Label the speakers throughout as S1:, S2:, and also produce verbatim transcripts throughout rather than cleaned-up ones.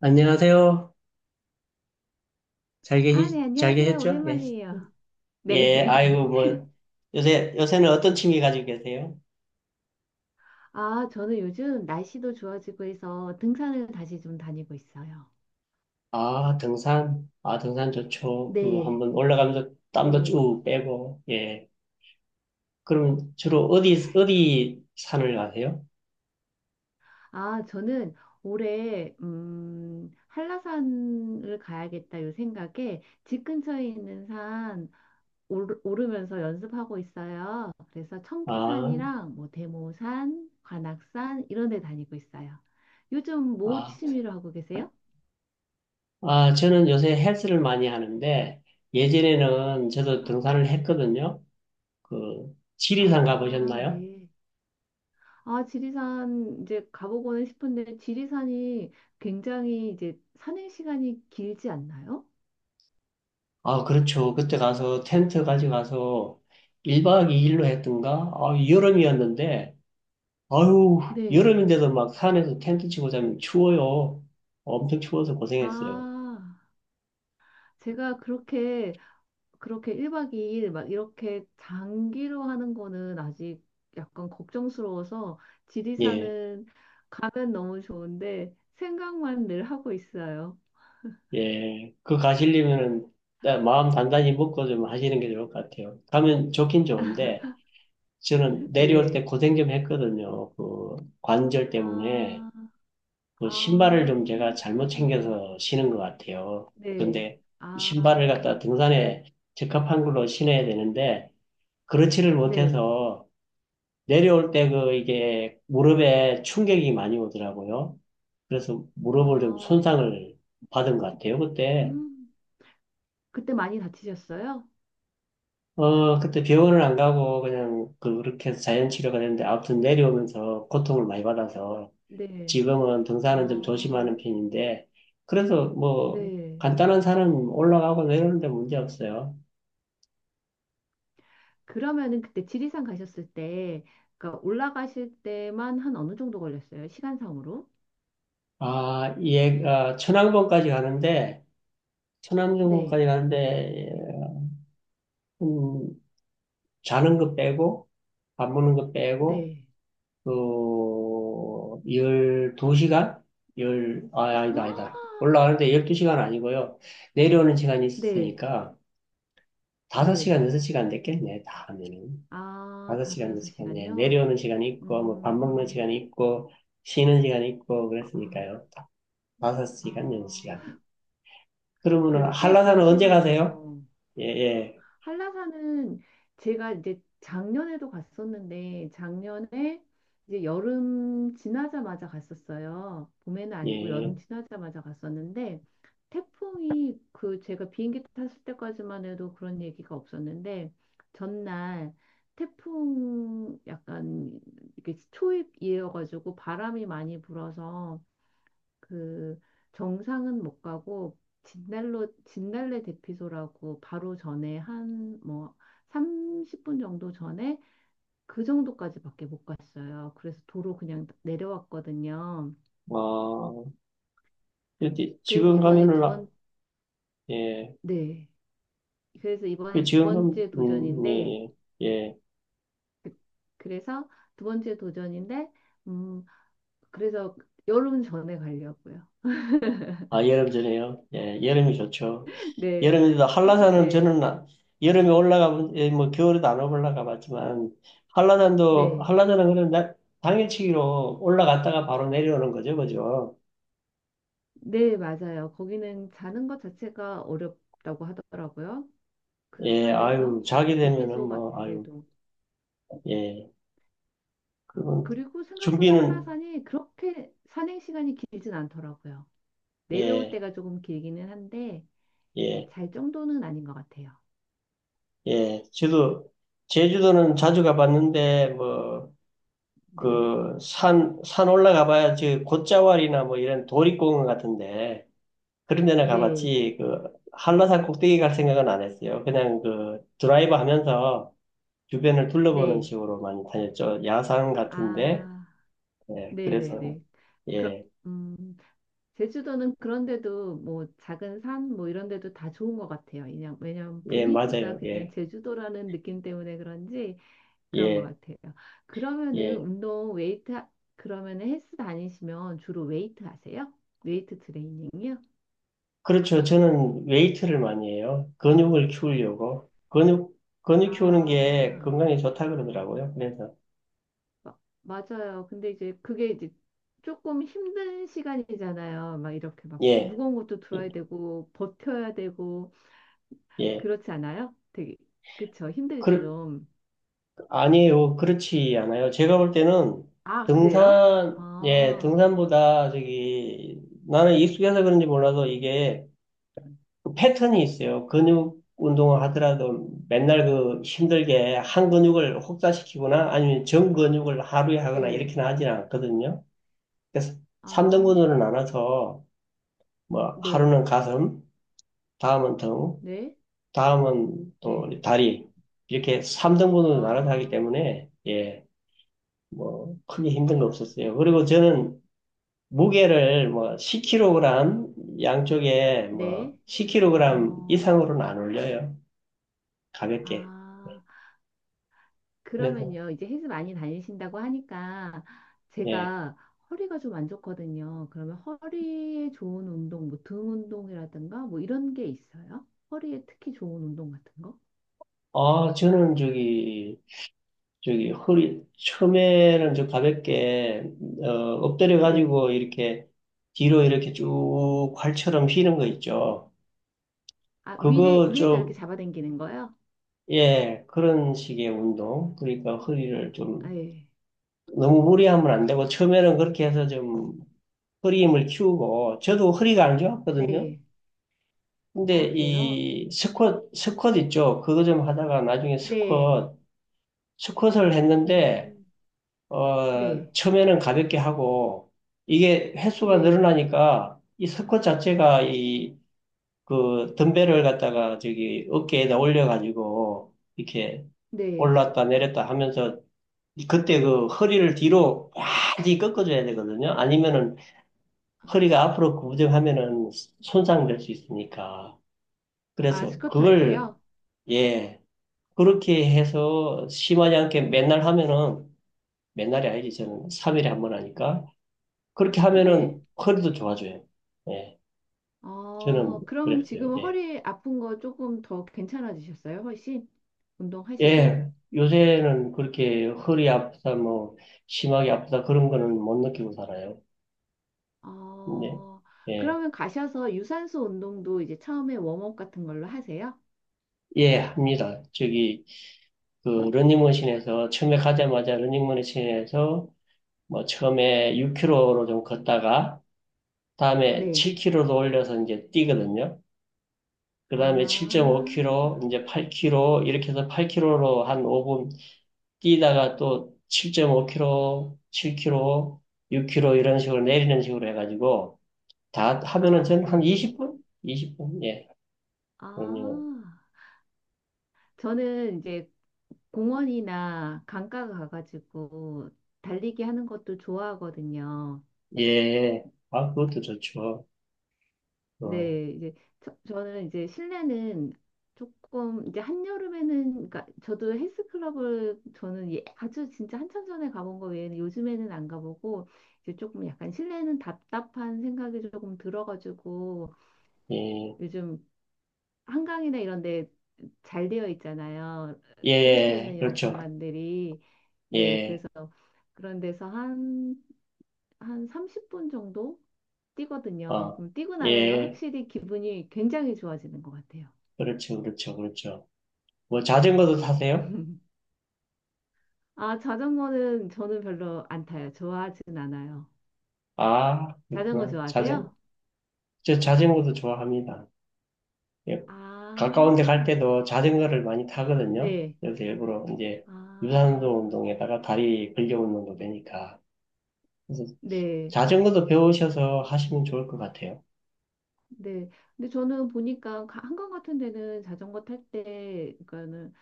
S1: 안녕하세요. 잘
S2: 아,
S1: 계시,
S2: 네,
S1: 잘
S2: 안녕하세요.
S1: 계셨죠? 예.
S2: 오랜만이에요.
S1: 예,
S2: 네.
S1: 아이고, 뭐, 요새, 요새는 어떤 취미 가지고 계세요?
S2: 아, 저는 요즘 날씨도 좋아지고 해서 등산을 다시 좀 다니고 있어요.
S1: 아, 등산. 아, 등산 좋죠. 그,
S2: 네.
S1: 한번 올라가면서 땀도
S2: 네.
S1: 쭉 빼고, 예. 그럼 주로 어디, 어디 산을 가세요?
S2: 아, 저는 올해, 음, 한라산을 가야겠다 요 생각에 집 근처에 있는 산 오르- 오르면서 연습하고 있어요. 그래서
S1: 아,
S2: 청계산이랑 뭐 대모산, 관악산 이런 데 다니고 있어요. 요즘 뭐
S1: 아,
S2: 취미로 하고 계세요?
S1: 아, 저는 요새 헬스를 많이 하는데, 예전에는 저도
S2: 아,
S1: 등산을 했거든요. 그, 지리산
S2: 아,
S1: 가보셨나요?
S2: 네. 아, 지리산 이제 가보고는 싶은데 지리산이 굉장히 이제 산행 시간이 길지 않나요?
S1: 아, 그렇죠. 그때 가서 텐트 가져가서 일 박 이 일 했던가? 아, 여름이었는데, 아유,
S2: 네.
S1: 여름인데도 막 산에서 텐트 치고 자면 추워요. 엄청 추워서 고생했어요.
S2: 아, 제가 그렇게 그렇게 일 박 이 일 막 이렇게 장기로 하는 거는 아직 약간 걱정스러워서
S1: 예,
S2: 지리산은 가면 너무 좋은데 생각만 늘 하고 있어요.
S1: 예. 그 가시려면은 나- 마음 단단히 먹고 좀 하시는 게 좋을 것 같아요. 가면 좋긴 좋은데, 저는 내려올 때
S2: 네.
S1: 고생 좀 했거든요. 그 관절 때문에.
S2: 아,
S1: 그
S2: 아,
S1: 신발을 좀 제가 잘못
S2: 그렇구나.
S1: 챙겨서 신은 것 같아요.
S2: 네.
S1: 근데
S2: 아,
S1: 신발을 갖다 등산에 적합한 걸로 신어야 되는데 그렇지를
S2: 네.
S1: 못해서 내려올 때 그 이게 무릎에 충격이 많이 오더라고요. 그래서 무릎을 좀
S2: 아,
S1: 손상을 받은 것 같아요. 그때
S2: 음, 그때 많이 다치셨어요?
S1: 어 그때 병원을 안 가고 그냥 그- 그렇게 해서 자연 치료가 됐는데 아무튼 내려오면서 고통을 많이 받아서
S2: 네.
S1: 지금은 등산은 좀
S2: 아,
S1: 조심하는 편인데, 그래서 뭐,
S2: 네.
S1: 간단한 산은 올라가고 내려오는데 문제 없어요.
S2: 그러면은 그때 지리산 가셨을 때, 그러니까 올라가실 때만 한 어느 정도 걸렸어요? 시간상으로?
S1: 아, 예, 아, 천왕봉까지 가는데, 천왕봉까지
S2: 네.
S1: 가는데, 음, 자는 거 빼고, 밥 먹는 거 빼고,
S2: 네.
S1: 그, 열두 시간? 열, 아, 아니다, 아니다.
S2: 아,
S1: 올라가는데 열두 시간 아니고요. 내려오는 시간이
S2: 네.
S1: 있었으니까,
S2: 네.
S1: 다섯 시간, 여섯 시간 됐겠네, 다 하면은.
S2: 아,
S1: 다섯
S2: 다섯,
S1: 시간, 몇
S2: 여섯
S1: 시간, 예.
S2: 시간요?
S1: 내려오는 시간이 있고, 뭐, 밥 먹는
S2: 음,
S1: 시간이 있고, 쉬는 시간이 있고,
S2: 아,
S1: 그랬으니까요. 다- 섯 시간, 여섯
S2: 아,
S1: 시간. 그러면은,
S2: 그래도 꽤 긴
S1: 한라산은 언제 가세요?
S2: 시간이네요.
S1: 예, 예,
S2: 한라산은 제가 이제 작년에도 갔었는데 작년에 이제 여름 지나자마자 갔었어요. 봄에는 아니고
S1: 예.
S2: 여름 지나자마자 갔었는데 태풍이 그 제가 비행기 탔을 때까지만 해도 그런 얘기가 없었는데 전날 태풍 약간 이렇게 초입이어가지고 바람이 많이 불어서 그 정상은 못 가고 진달로 진달래 대피소라고 바로 전에 한 뭐 삼십 분 정도 전에 그 정도까지밖에 못 갔어요. 그래서 도로 그냥 내려왔거든요.
S1: 어, 일단
S2: 그래서
S1: 지금
S2: 이번에
S1: 가면은,
S2: 두
S1: 아,
S2: 번,
S1: 예.
S2: 네. 그래서
S1: 그
S2: 이번에 두
S1: 지금 가면,
S2: 번째
S1: 음,
S2: 도전인데
S1: 예, 예. 예.
S2: 그, 그래서 두 번째 도전인데 음 그래서 여름 전에 가려고요.
S1: 아, 여름 전에요? 예, 여름이 좋죠.
S2: 네.
S1: 여름에 도 한라산은
S2: 네.
S1: 저는 여름에 올라가면 예, 뭐 겨울에도 안 올라가 봤지만 한라산도
S2: 네.
S1: 한라산은 그냥 나- 당일치기로 올라갔다가 바로 내려오는 거죠, 그죠?
S2: 네, 맞아요. 거기는 자는 것 자체가 어렵다고 하더라고요. 그
S1: 예,
S2: 산에서.
S1: 아유 자게
S2: 네,
S1: 되면은
S2: 대피소
S1: 뭐 아유
S2: 같은데도.
S1: 예 그건
S2: 그리고 생각보다
S1: 준비는
S2: 한라산이 그렇게 산행 시간이 길진 않더라고요. 내려올
S1: 예
S2: 때가 조금 길기는 한데, 네,
S1: 예,
S2: 잘 정도는 아닌 것 같아요.
S1: 예. 저도 제주도는 자주 가봤는데 뭐
S2: 네,
S1: 그 산 산 올라가봐야 지 곶자왈이나 뭐 이런 도립공원 같은데. 그런 데는
S2: 네, 맞-
S1: 가봤지, 그, 한라산 꼭대기 갈 생각은 안 했어요. 그냥 그, 드라이브 하면서 주변을 둘러보는
S2: 네.
S1: 식으로 많이 다녔죠. 야산 같은데,
S2: 아,
S1: 예, 그래서,
S2: 네네네. 그
S1: 예,
S2: 음, 제주도는 그런데도 뭐 작은 산 뭐 이런 데도 다 좋은 것 같아요. 그냥, 왜냐면
S1: 예,
S2: 분위기가
S1: 맞아요.
S2: 그냥
S1: 예,
S2: 제주도라는 느낌 때문에 그런지 그런 것
S1: 예,
S2: 같아요. 그러면은
S1: 예.
S2: 운동 웨이트 하- 그러면은 헬스 다니시면 주로 웨이트 하세요? 웨이트 트레이닝이요?
S1: 그렇죠. 저는 웨이트를 많이 해요. 근육을 키우려고. 근육, 근육 키우는 게
S2: 아,
S1: 건강에 좋다 그러더라고요. 그래서,
S2: 마- 맞아요. 근데 이제 그게 이제 조금 힘든 시간이잖아요. 막 이렇게 막
S1: 예,
S2: 무거운 것도 들어야 되고 버텨야 되고
S1: 예.
S2: 그렇지 않아요? 되게 그쵸 힘들죠
S1: 그,
S2: 좀.
S1: 아니요, 에 그렇지 않아요. 제가 볼 때는
S2: 아, 그래요?
S1: 등산, 예,
S2: 아,
S1: 등산보다 저기 나는 익숙해서 그런지 몰라도 이게 그 패턴이 있어요. 근육 운동을 하더라도 맨날 그 힘들게 한 근육을 혹사시키거나 아니면 전 근육을 하루에 하거나
S2: 네.
S1: 이렇게는 하진 않거든요. 그래서 삼 등분
S2: 아,
S1: 나눠서 뭐
S2: 네.
S1: 하루는 가슴, 다음은 등,
S2: 네.
S1: 다음은 또
S2: 네.
S1: 다리 이렇게 삼 등분 나눠서 하기
S2: 아,
S1: 때문에 예. 뭐 크게 힘든 거 없었어요. 그리고 저는 무게를 뭐 십 킬로그램 양쪽에 뭐
S2: 네.
S1: 십 킬로그램
S2: 어.
S1: 이상으로는 안 올려요. 가볍게.
S2: 아,
S1: 그래서
S2: 그러면요. 이제 헬스 많이 다니신다고 하니까
S1: 예.
S2: 제가 허리가 좀 안 좋거든요. 그러면 허리에 좋은 운동, 뭐 등 운동이라든가 뭐 이런 게 있어요? 허리에 특히 좋은 운동 같은 거?
S1: 아, 저는 저기 저기 허리 처음에는 저 가볍게 어, 엎드려
S2: 네.
S1: 가지고 이렇게 뒤로 이렇게 쭉 활처럼 휘는 거 있죠.
S2: 아, 위를,
S1: 그거
S2: 위에서 이렇게
S1: 좀
S2: 잡아당기는 거요?
S1: 예, 그런 식의 운동. 그러니까 허리를
S2: 아,
S1: 좀
S2: 예.
S1: 너무 무리하면 안 되고 처음에는 그렇게 해서 좀 허리 힘을 키우고 저도 허리가 안 좋았거든요.
S2: 네. 아,
S1: 근데
S2: 그래요?
S1: 이 스쿼트 스쿼트 있죠. 그거 좀 하다가 나중에
S2: 네.
S1: 스쿼트 스쿼트를 했는데
S2: 음,
S1: 어
S2: 네.
S1: 처음에는 가볍게 하고 이게 횟수가
S2: 네.
S1: 늘어나니까 이 스쿼트 자체가 이 그 덤벨을 갖다가 저기 어깨에다 올려가지고 이렇게
S2: 네.
S1: 올랐다 내렸다 하면서 그때 그 허리를 뒤로 많이 꺾어줘야 되거든요. 아니면은 허리가 앞으로 구부정하면은 손상될 수 있으니까.
S2: 아,
S1: 그래서
S2: 스쿼트 할
S1: 그걸,
S2: 때요?
S1: 예, 그렇게 해서 심하지 않게 맨날 하면은, 맨날이 아니지, 저는 삼 일 한 번 하니까. 그렇게
S2: 네.
S1: 하면은 허리도 좋아져요. 예, 저는
S2: 어, 그럼
S1: 그랬어요.
S2: 지금
S1: 예.
S2: 허리 아픈 거 조금 더 괜찮아지셨어요? 훨씬? 운동하시고?
S1: 예, 요새는 그렇게 허리 아프다, 뭐, 심하게 아프다, 그런 거는 못 느끼고 살아요. 네
S2: 어,
S1: 예,
S2: 그러면 가셔서 유산소 운동도 이제 처음에 웜업 같은 걸로 하세요?
S1: 예, 합니다. 저기, 그, 러닝머신에서, 처음에 가자마자 러닝머신에서 뭐 처음에 육 킬로로 좀 걷다가 다음에
S2: 네.
S1: 칠 킬로로 올려서 이제 뛰거든요. 그
S2: 아,
S1: 다음에 칠 오 킬로 이제 팔 킬로 이렇게 해서 팔 킬로로 한 오 분 뛰다가 또 칠 오 킬로칠 킬로육 킬로 이런 식으로 내리는 식으로 해가지고 다 하면은
S2: 아,
S1: 저는 한
S2: 네네.
S1: 이십 분? 이십 분? 예.
S2: 아,
S1: 그
S2: 저는 이제 공원이나 강가 가가지고 달리기 하는 것도 좋아하거든요.
S1: 예. 아, 그것도 좋죠. 어,
S2: 네, 이제 저, 저는 이제 실내는 조금 이제 한여름에는 그러니까 저도 헬스클럽을 저는 예, 아주 진짜 한참 전에 가본 거 외에는 요즘에는 안 가보고 이제 조금 약간 실내는 답답한 생각이 조금 들어가지고
S1: 예.
S2: 요즘 한강이나 이런 데 잘 되어 있잖아요. 뛸 수
S1: 예.
S2: 있는 이런
S1: 그렇죠.
S2: 공간들이. 네,
S1: 예.
S2: 그래서 그런 데서 한 한 삼십 분 정도 뛰거든요.
S1: 어.
S2: 그럼 뛰고 나면은
S1: 예.
S2: 확실히 기분이 굉장히 좋아지는 것 같아요.
S1: 그렇죠. 그렇죠. 그렇죠. 뭐 자전거도
S2: 네.
S1: 타세요?
S2: 아, 자전거는 저는 별로 안 타요. 좋아하진 않아요.
S1: 아,
S2: 자전거
S1: 그렇구나. 자전,
S2: 좋아하세요?
S1: 저 자전거도 좋아합니다. 예,
S2: 아,
S1: 가까운 데 갈 때도 자전거를 많이 타거든요.
S2: 네.
S1: 그래서 일부러 이제 유산소
S2: 아,
S1: 운동에다가 다리 근력 운동도 되니까. 그래서
S2: 네.
S1: 자전거도 배우셔서 하시면 좋을 것 같아요.
S2: 네. 근데 저는 보니까 가- 한강 같은 데는 자전거 탈 때, 그러니까는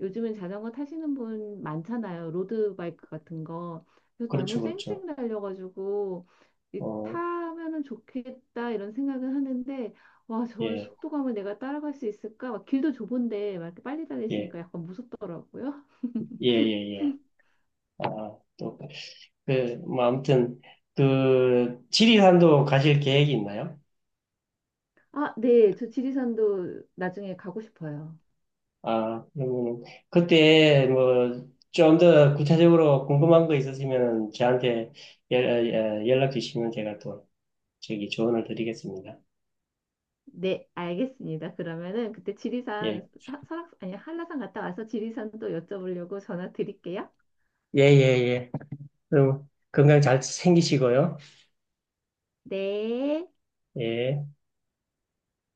S2: 요즘은 자전거 타시는 분 많잖아요. 로드바이크 같은 거. 그래서 너무
S1: 그렇죠, 그렇죠.
S2: 쌩쌩 달려가지고 이,
S1: 어,
S2: 타면은 좋겠다 이런 생각은 하는데 와, 저
S1: 예,
S2: 속도감을 내가 따라갈 수 있을까? 막 길도 좁은데 막 이렇게 빨리
S1: 예,
S2: 달리시니까 약간 무섭더라고요.
S1: 예, 예, 예. 아, 또, 그, 뭐, 아무튼, 그, 지리산도 가실 계획이 있나요?
S2: 아, 네. 저 지리산도 나중에 가고 싶어요.
S1: 아, 음, 그때 뭐 좀 더 구체적으로 궁금한 거 있으시면 저한테 연- 어, 연락 주시면 제가 또 저기 조언을 드리겠습니다.
S2: 네, 알겠습니다. 그러면은 그때
S1: 예,
S2: 지리산 하- 설악 아니 한라산 갔다 와서 지리산 또 여쭤보려고 전화 드릴게요.
S1: 예, 예, 예. 그럼 건강 잘 챙기시고요.
S2: 네.
S1: 예.